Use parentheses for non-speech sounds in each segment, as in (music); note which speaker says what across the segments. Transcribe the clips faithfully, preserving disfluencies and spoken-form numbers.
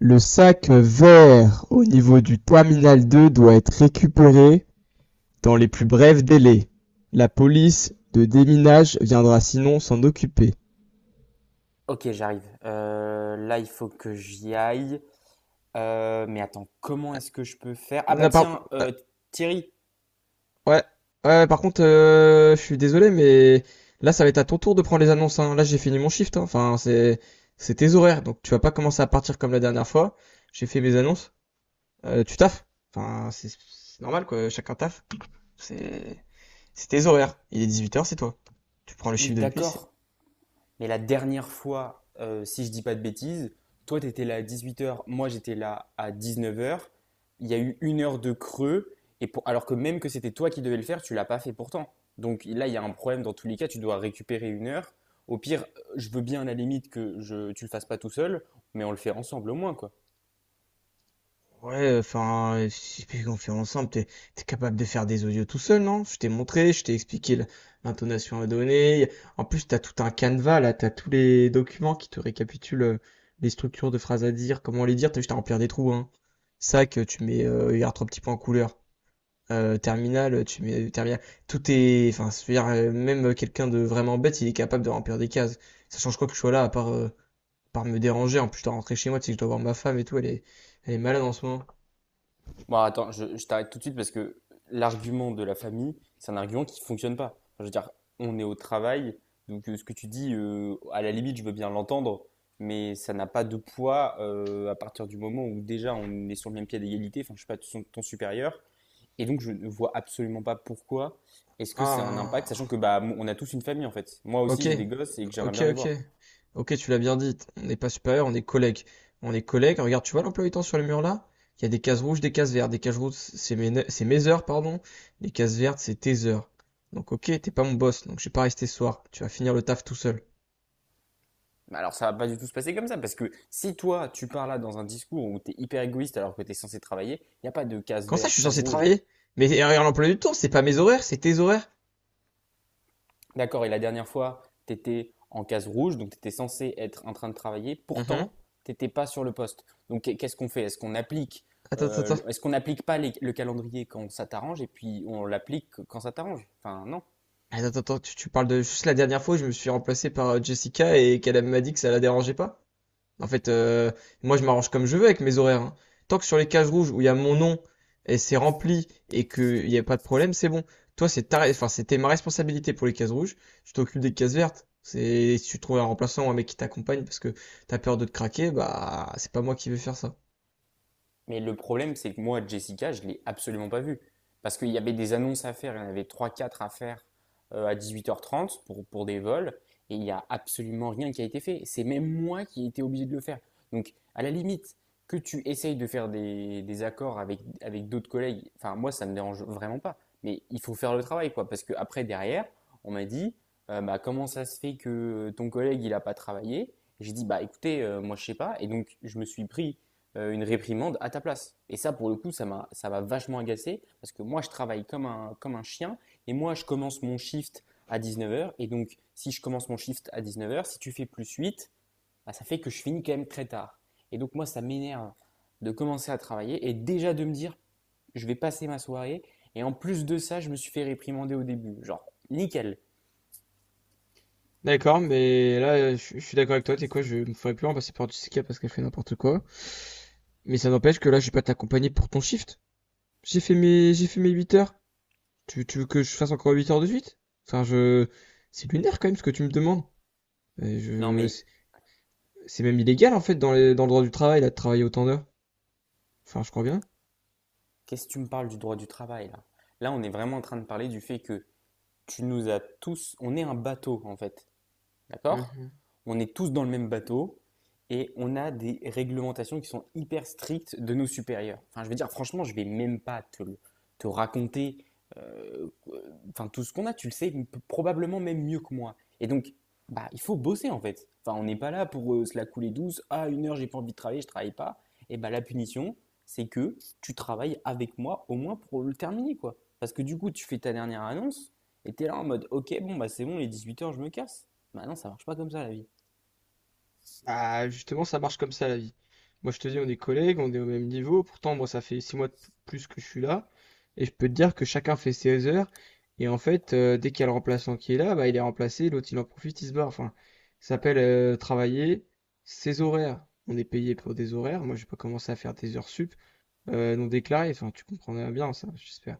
Speaker 1: Le sac vert au niveau du terminal deux doit être récupéré dans les plus brefs délais. La police de déminage viendra sinon s'en occuper.
Speaker 2: Ok, j'arrive. Euh, là, il faut que j'y aille. Euh, mais attends, comment est-ce que je peux faire? Ah
Speaker 1: Là,
Speaker 2: bah
Speaker 1: par...
Speaker 2: tiens,
Speaker 1: euh,
Speaker 2: euh, Thierry,
Speaker 1: Ouais. Ouais, par contre, euh, je suis désolé, mais là, ça va être à ton tour de prendre les annonces, hein. Là, j'ai fini mon shift, hein. Enfin, c'est tes horaires. Donc, tu vas pas commencer à partir comme la dernière fois. J'ai fait mes annonces. Euh, tu taffes. Enfin, c'est normal, quoi. Chacun taffe. C'est tes horaires. Il est dix-huit heures, c'est toi. Tu prends le
Speaker 2: oui,
Speaker 1: chiffre de nuit, c'est...
Speaker 2: d'accord. Mais la dernière fois, euh, si je dis pas de bêtises, toi, t'étais là à dix-huit heures. Moi, j'étais là à dix-neuf heures. Il y a eu une heure de creux. Et pour... Alors que même que c'était toi qui devais le faire, tu l'as pas fait pourtant. Donc là, il y a un problème dans tous les cas. Tu dois récupérer une heure. Au pire, je veux bien à la limite que je... tu le fasses pas tout seul, mais on le fait ensemble au moins, quoi.
Speaker 1: Ouais, enfin, euh, si on fait ensemble, t'es, t'es capable de faire des audios tout seul, non? Je t'ai montré, je t'ai expliqué l- l'intonation à donner. En plus, t'as tout un canevas, là, t'as tous les documents qui te récapitulent, euh, les structures de phrases à dire, comment les dire, t'as juste à remplir des trous, hein. Sac, euh, tu mets, euh, hier trois petits points en couleur. Euh, terminal, euh, tu mets, euh, terminal. Tout est, enfin, je veux dire, euh, même euh, quelqu'un de vraiment bête, il est capable de remplir des cases. Ça change quoi que je sois là, à part, euh, à part me déranger. En plus, je dois rentrer chez moi, tu sais que je dois voir ma femme et tout, elle est, elle est malade en ce moment.
Speaker 2: Bon, attends, je, je t'arrête tout de suite parce que l'argument de la famille, c'est un argument qui fonctionne pas. Enfin, je veux dire, on est au travail, donc euh, ce que tu dis, euh, à la limite, je veux bien l'entendre, mais ça n'a pas de poids euh, à partir du moment où déjà on est sur le même pied d'égalité, enfin, je sais pas, ton, ton supérieur. Et donc, je ne vois absolument pas pourquoi est-ce que c'est un impact, sachant
Speaker 1: Ah,
Speaker 2: que bah, on a tous une famille en fait. Moi
Speaker 1: ok,
Speaker 2: aussi, j'ai des gosses et que j'aimerais
Speaker 1: ok,
Speaker 2: bien les
Speaker 1: ok.
Speaker 2: voir.
Speaker 1: Ok, tu l'as bien dit. On n'est pas supérieur, on est collègues. On est collègues. Regarde, tu vois l'emploi du temps sur le mur là? Il y a des cases rouges, des cases vertes. Des cases rouges, c'est mes, ne- c'est mes heures, pardon. Les cases vertes, c'est tes heures. Donc, ok, t'es pas mon boss, donc je vais pas rester ce soir. Tu vas finir le taf tout seul.
Speaker 2: Bah alors ça va pas du tout se passer comme ça, parce que si toi tu parles là dans un discours où tu es hyper égoïste alors que tu es censé travailler, il n'y a pas de case
Speaker 1: Comment ça, je
Speaker 2: verte,
Speaker 1: suis
Speaker 2: case
Speaker 1: censé
Speaker 2: rouge.
Speaker 1: travailler? Mais regarde l'emploi du temps, c'est pas mes horaires, c'est tes horaires.
Speaker 2: D'accord, et la dernière fois, tu étais en case rouge, donc tu étais censé être en train de travailler,
Speaker 1: Mhm.
Speaker 2: pourtant tu n'étais pas sur le poste. Donc qu'est- ce qu'on fait? Est-ce qu'on applique
Speaker 1: Attends, attends,
Speaker 2: euh,
Speaker 1: attends.
Speaker 2: est-ce qu'on n'applique pas les- le calendrier quand ça t'arrange et puis on l'applique quand ça t'arrange? Enfin non.
Speaker 1: Attends, attends, attends, tu, tu parles de juste la dernière fois, où je me suis remplacé par euh, Jessica et qu'elle m'a dit que ça la dérangeait pas? En fait, euh, moi, je m'arrange comme je veux avec mes horaires, hein. Tant que sur les cases rouges où il y a mon nom et c'est rempli et qu'il n'y a pas de problème, c'est bon. Toi, c'est ta... enfin, c'était ma responsabilité pour les cases rouges. Je t'occupe des cases vertes. C'est si tu trouves un remplaçant ou un mec qui t'accompagne parce que t'as peur de te craquer, bah c'est pas moi qui vais faire ça.
Speaker 2: Mais le problème, c'est que moi, Jessica, je ne l'ai absolument pas vue. Parce qu'il y avait des annonces à faire, il y en avait trois, quatre à faire euh, à dix-huit heures trente pour, pour des vols, et il n'y a absolument rien qui a été fait. C'est même moi qui ai été obligé de le faire. Donc, à la limite, que tu essayes de faire des, des accords avec, avec d'autres collègues, enfin, moi, ça ne me dérange vraiment pas. Mais il faut faire le travail, quoi. Parce que après derrière, on m'a dit, euh, bah, comment ça se fait que ton collègue, il n'a pas travaillé? J'ai dit, bah, écoutez, euh, moi, je ne sais pas. Et donc, je me suis pris euh, une réprimande à ta place. Et ça, pour le coup, ça m'a, ça m'a vachement agacé parce que moi, je travaille comme un, comme un chien et moi, je commence mon shift à dix neuf heures. Et donc, si je commence mon shift à dix neuf heures, si tu fais plus huit, bah, ça fait que je finis quand même très tard. Et donc, moi, ça m'énerve de commencer à travailler et déjà de me dire, je vais passer ma soirée. Et en plus de ça, je me suis fait réprimander au début. Genre, nickel.
Speaker 1: D'accord, mais là, je, je suis d'accord avec toi, t'es quoi, je me ferais plus en par du C K parce qu'elle fait n'importe quoi. Mais ça n'empêche que là, je vais pas t'accompagner pour ton shift. J'ai fait mes, j'ai fait mes huit heures. Tu, tu veux que je fasse encore huit heures de suite? Enfin, je... C'est lunaire quand même ce que tu me demandes. Et
Speaker 2: Non,
Speaker 1: je...
Speaker 2: mais
Speaker 1: C'est même illégal en fait dans les... dans le droit du travail là, de travailler autant d'heures. Enfin, je crois bien.
Speaker 2: qu'est-ce que tu me parles du droit du travail là? Là, on est vraiment en train de parler du fait que tu nous as tous, on est un bateau en fait. D'accord?
Speaker 1: Mhm.
Speaker 2: On est tous dans le même bateau et on a des réglementations qui sont hyper strictes de nos supérieurs. Enfin, je veux dire, franchement, je ne vais même pas te, te raconter euh, euh, enfin, tout ce qu'on a, tu le sais probablement même mieux que moi. Et donc, bah, il faut bosser en fait. Enfin, on n'est pas là pour euh, se la couler douce. Ah, une heure, j'ai pas envie de travailler, je travaille pas. Et bah, la punition, c'est que tu travailles avec moi au moins pour le terminer, quoi. Parce que du coup, tu fais ta dernière annonce et t'es là en mode, ok, bon, bah, c'est bon, les dix-huit heures, je me casse. Bah non, ça marche pas comme ça la vie.
Speaker 1: Bah justement, ça marche comme ça la vie. Moi, je te dis, on est collègues, on est au même niveau. Pourtant, moi, ça fait six mois de plus que je suis là, et je peux te dire que chacun fait ses heures. Et en fait, euh, dès qu'il y a le remplaçant qui est là, bah, il est remplacé, l'autre il en profite, il se barre. Enfin, ça s'appelle euh, travailler ses horaires. On est payé pour des horaires. Moi, j'ai pas commencé à faire des heures sup, euh, non déclarés. Enfin, tu comprendras bien ça, j'espère.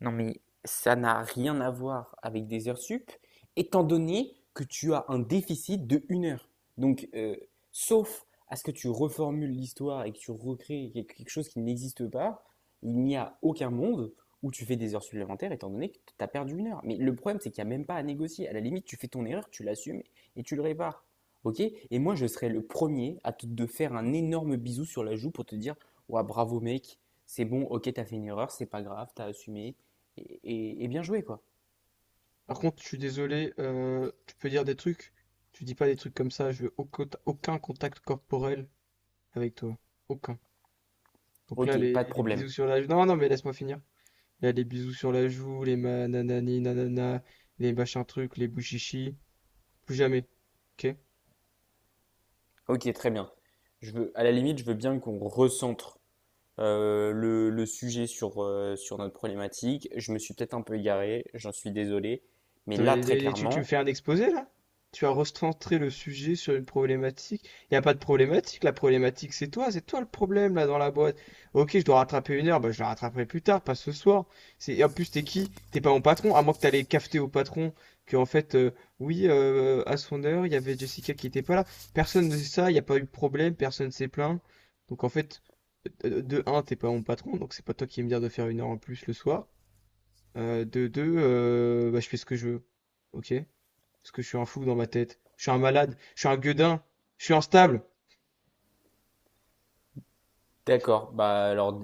Speaker 2: Non mais ça n'a rien à voir avec des heures sup, étant donné que tu as un déficit de une heure. Donc, euh, sauf à ce que tu reformules l'histoire et que tu recrées quelque chose qui n'existe pas, il n'y a aucun monde où tu fais des heures supplémentaires, étant donné que tu as perdu une heure. Mais le problème, c'est qu'il n'y a même pas à négocier. À la limite, tu fais ton erreur, tu l'assumes et tu le répares. Ok. Et moi, je serais le premier à te de faire un énorme bisou sur la joue pour te dire, ouais, bravo mec, c'est bon, ok, t'as fait une erreur, c'est pas grave, t'as assumé, et, et- et bien joué, quoi.
Speaker 1: Par contre, je suis désolé, euh, tu peux dire des trucs. Tu dis pas des trucs comme ça. Je veux aucun, aucun contact corporel avec toi. Aucun. Donc là,
Speaker 2: Ok, pas de
Speaker 1: les, les
Speaker 2: problème.
Speaker 1: bisous sur la joue. Non, non, mais laisse-moi finir. Là, les bisous sur la joue, les ma- nanani nanana, les machins trucs, les bouchichis. Plus jamais. Ok?
Speaker 2: Ok, très bien. Je veux, à la limite, je veux bien qu'on recentre euh, le, le sujet sur, euh, sur notre problématique. Je me suis peut-être un peu égaré, j'en suis désolé. Mais
Speaker 1: Attends,
Speaker 2: là, très
Speaker 1: mais tu, tu me
Speaker 2: clairement,
Speaker 1: fais un exposé là? Tu as recentré le sujet sur une problématique. Il n'y a pas de problématique, la problématique c'est toi, c'est toi le problème là dans la boîte. Ok, je dois rattraper une heure, bah, je la rattraperai plus tard, pas ce soir. C'est... et en plus, t'es qui? T'es pas mon patron, à moins que t'allais cafeter au patron que en fait, euh, oui, euh, à son heure, il y avait Jessica qui était pas là. Personne ne sait ça, il n'y a pas eu de problème, personne s'est plaint. Donc en fait, euh, de un, t'es pas mon patron, donc c'est pas toi qui vas me dire de faire une heure en plus le soir. Euh, de deux, euh, bah, je fais ce que je veux. Ok? Parce que je suis un fou dans ma tête. Je suis un malade. Je suis un gueudin. Je suis instable.
Speaker 2: d'accord. Bah alors,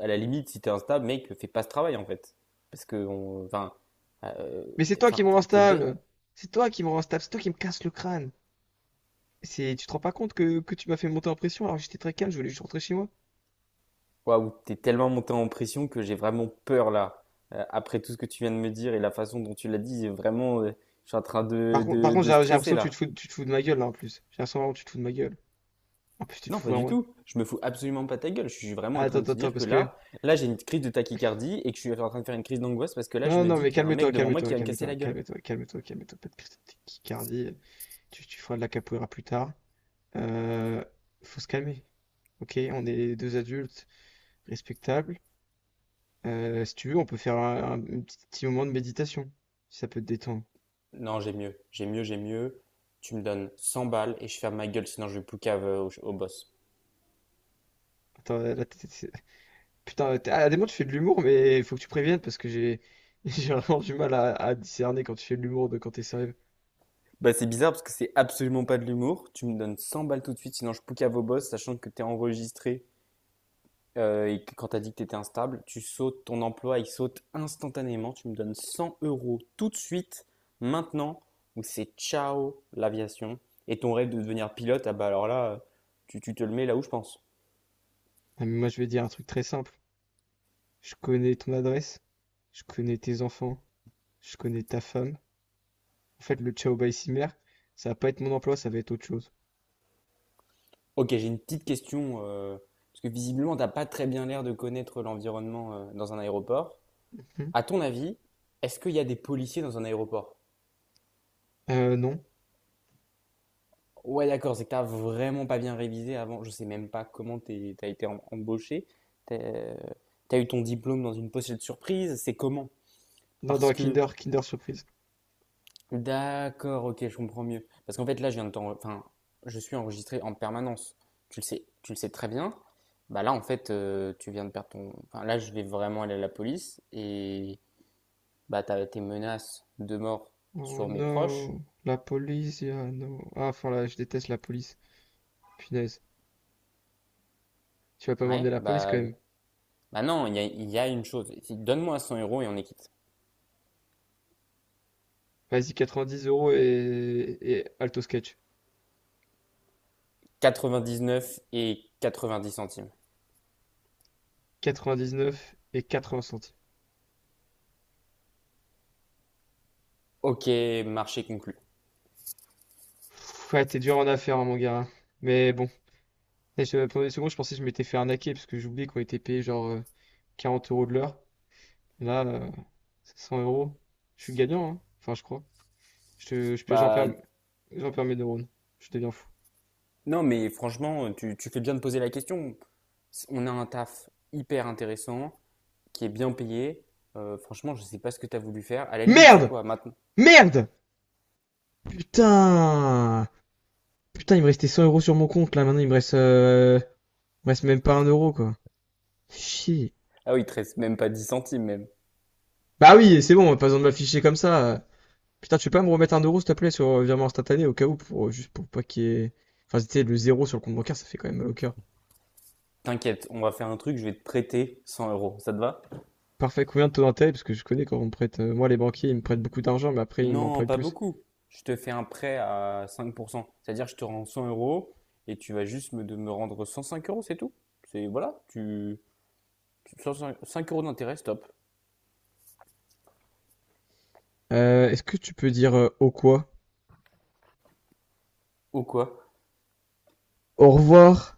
Speaker 2: à la limite, si t'es instable, mec, fais pas ce travail en fait. Parce que, on- enfin, euh,
Speaker 1: Mais c'est
Speaker 2: t'es-
Speaker 1: toi qui
Speaker 2: enfin,
Speaker 1: me rends
Speaker 2: t'es t'es bête.
Speaker 1: instable. C'est toi qui me rends instable. C'est toi qui me casse le crâne. C'est, tu te rends pas compte que, que tu m'as fait monter en pression alors que j'étais très calme. Je voulais juste rentrer chez moi.
Speaker 2: Waouh, t'es tellement monté en pression que j'ai vraiment peur là. Euh, après tout ce que tu viens de me dire et la façon dont tu l'as dit, j'ai vraiment, euh, je suis en train
Speaker 1: Par
Speaker 2: de,
Speaker 1: contre, par
Speaker 2: de,
Speaker 1: contre,
Speaker 2: de
Speaker 1: j'ai j'ai
Speaker 2: stresser
Speaker 1: l'impression que tu te
Speaker 2: là.
Speaker 1: fous, tu te fous de ma gueule là en plus. J'ai l'impression vraiment que tu te fous de ma gueule. En plus, tu te
Speaker 2: Non,
Speaker 1: fous
Speaker 2: pas du
Speaker 1: vraiment.
Speaker 2: tout. Je me fous absolument pas de ta gueule. Je suis vraiment
Speaker 1: Ah,
Speaker 2: en train
Speaker 1: attends,
Speaker 2: de
Speaker 1: attends,
Speaker 2: te
Speaker 1: attends,
Speaker 2: dire que
Speaker 1: parce que...
Speaker 2: là, là, j'ai une crise de tachycardie et que je suis en train de faire une crise d'angoisse parce que là, je
Speaker 1: Non,
Speaker 2: me
Speaker 1: non,
Speaker 2: dis
Speaker 1: mais
Speaker 2: qu'il y a un
Speaker 1: calme-toi,
Speaker 2: mec devant moi
Speaker 1: calme-toi,
Speaker 2: qui va me casser
Speaker 1: calme-toi,
Speaker 2: la gueule.
Speaker 1: calme-toi, calme-toi, calme-toi. Pas de crise de tachycardie. Tu, tu feras de la capoeira plus tard. Euh, Faut se calmer. Ok, on est deux adultes respectables. Euh, si tu veux, on peut faire un, un petit moment de méditation, si ça peut te détendre.
Speaker 2: Non, j'ai mieux. J'ai mieux, j'ai mieux. Tu me donnes cent balles et je ferme ma gueule, sinon je vais poucave euh, au, au boss.
Speaker 1: Attends, là, t'es- t'es- putain, t'es- à des moments tu fais de l'humour, mais il faut que tu préviennes parce que j'ai (laughs) j'ai vraiment du mal à, à discerner quand tu fais de l'humour de quand t'es sérieux.
Speaker 2: Bah, c'est bizarre parce que c'est absolument pas de l'humour. Tu me donnes cent balles tout de suite, sinon je poucave au boss, sachant que t'es enregistré. Euh, et que- quand tu as dit que tu étais instable, tu sautes, ton emploi, il saute instantanément. Tu me donnes cent euros tout de suite, maintenant, ou c'est ciao l'aviation. Et ton rêve de devenir pilote, ah bah alors là, euh, tu, tu te le mets là où je pense.
Speaker 1: Ah, mais moi, je vais dire un truc très simple. Je connais ton adresse, je connais tes enfants, je connais ta femme. En fait, le ciao bye cimer, ça va pas être mon emploi, ça va être autre chose.
Speaker 2: Ok, j'ai une petite question, euh, parce que visiblement, t'as pas très bien l'air de connaître l'environnement euh, dans un aéroport.
Speaker 1: Mhm.
Speaker 2: À ton avis, est-ce qu'il y a des policiers dans un aéroport?
Speaker 1: Euh, non.
Speaker 2: Ouais, d'accord, c'est que t'as vraiment pas bien révisé avant. Je sais même pas comment t'es- t'as été em- embauché. T'as T'as eu ton diplôme dans une pochette surprise. C'est comment?
Speaker 1: Non,
Speaker 2: Parce
Speaker 1: dans
Speaker 2: que,
Speaker 1: Kinder, Kinder Surprise.
Speaker 2: d'accord, ok, je comprends mieux. Parce qu'en fait, là, je viens de t'en- enfin, je suis enregistré en permanence. Tu le sais, tu le sais très bien. Bah là, en fait, euh, tu viens de perdre ton. Enfin, là, je vais vraiment aller à la police et bah t'as tes menaces de mort
Speaker 1: Oh
Speaker 2: sur mes proches.
Speaker 1: non, la police, ah non. Ah, enfin là, je déteste la police. Punaise. Tu vas pas me
Speaker 2: Ouais,
Speaker 1: ramener la police quand
Speaker 2: bah,
Speaker 1: même.
Speaker 2: bah non, il y a, il y a une chose. Donne-moi cent euros et on est quitte.
Speaker 1: Vas-y, quatre-vingt-dix euros et, et Alto Sketch.
Speaker 2: Quatre-vingt-dix-neuf et quatre-vingt-dix centimes.
Speaker 1: quatre-vingt-dix-neuf et quatre-vingts centimes.
Speaker 2: Ok, marché conclu.
Speaker 1: Pff, ouais, t'es dur en affaires, hein, mon gars, hein. Mais bon. Et je, pendant des secondes, je pensais que je m'étais fait arnaquer parce que j'oubliais qu'on était payé genre euh, quarante euros de l'heure. Là, euh, c'est cent euros. Je suis gagnant, hein. Enfin, je crois. Je, je, j'en perds,
Speaker 2: Bah
Speaker 1: j'en perds mes neurones. Je deviens fou.
Speaker 2: non, mais franchement, tu, tu fais bien de poser la question. On a un taf hyper intéressant, qui est bien payé. Euh, franchement, je sais pas ce que tu as voulu faire. À la limite, c'est
Speaker 1: Merde!
Speaker 2: quoi maintenant?
Speaker 1: Merde! Putain! Putain, il me restait cent euros sur mon compte là. Maintenant, il me reste, euh, il me reste même pas un euro quoi. Chier.
Speaker 2: Ah oui, il te reste même pas dix centimes même.
Speaker 1: Bah oui, c'est bon, pas besoin de m'afficher comme ça. Putain, tu peux pas me remettre un euro s'il te plaît sur euh, virement instantané au cas où pour euh, juste pour pas qu'il y ait... Enfin, c'était le zéro sur le compte bancaire, ça fait quand même mal au cœur.
Speaker 2: T'inquiète, on va faire un truc, je vais te prêter cent euros. Ça te va?
Speaker 1: Parfait. Combien de taux d'intérêt? Parce que je connais quand on me prête, euh, moi, les banquiers, ils me prêtent beaucoup d'argent, mais après, ils m'en
Speaker 2: Non,
Speaker 1: prêtent
Speaker 2: pas
Speaker 1: plus.
Speaker 2: beaucoup. Je te fais un prêt à cinq pour cent. C'est-à-dire, je te rends cent euros et tu vas juste me, de me rendre cent cinq euros, c'est tout. C'est, voilà, tu, cinq euros d'intérêt, stop.
Speaker 1: Euh, est-ce que tu peux dire euh, au quoi?
Speaker 2: Ou quoi
Speaker 1: Au revoir.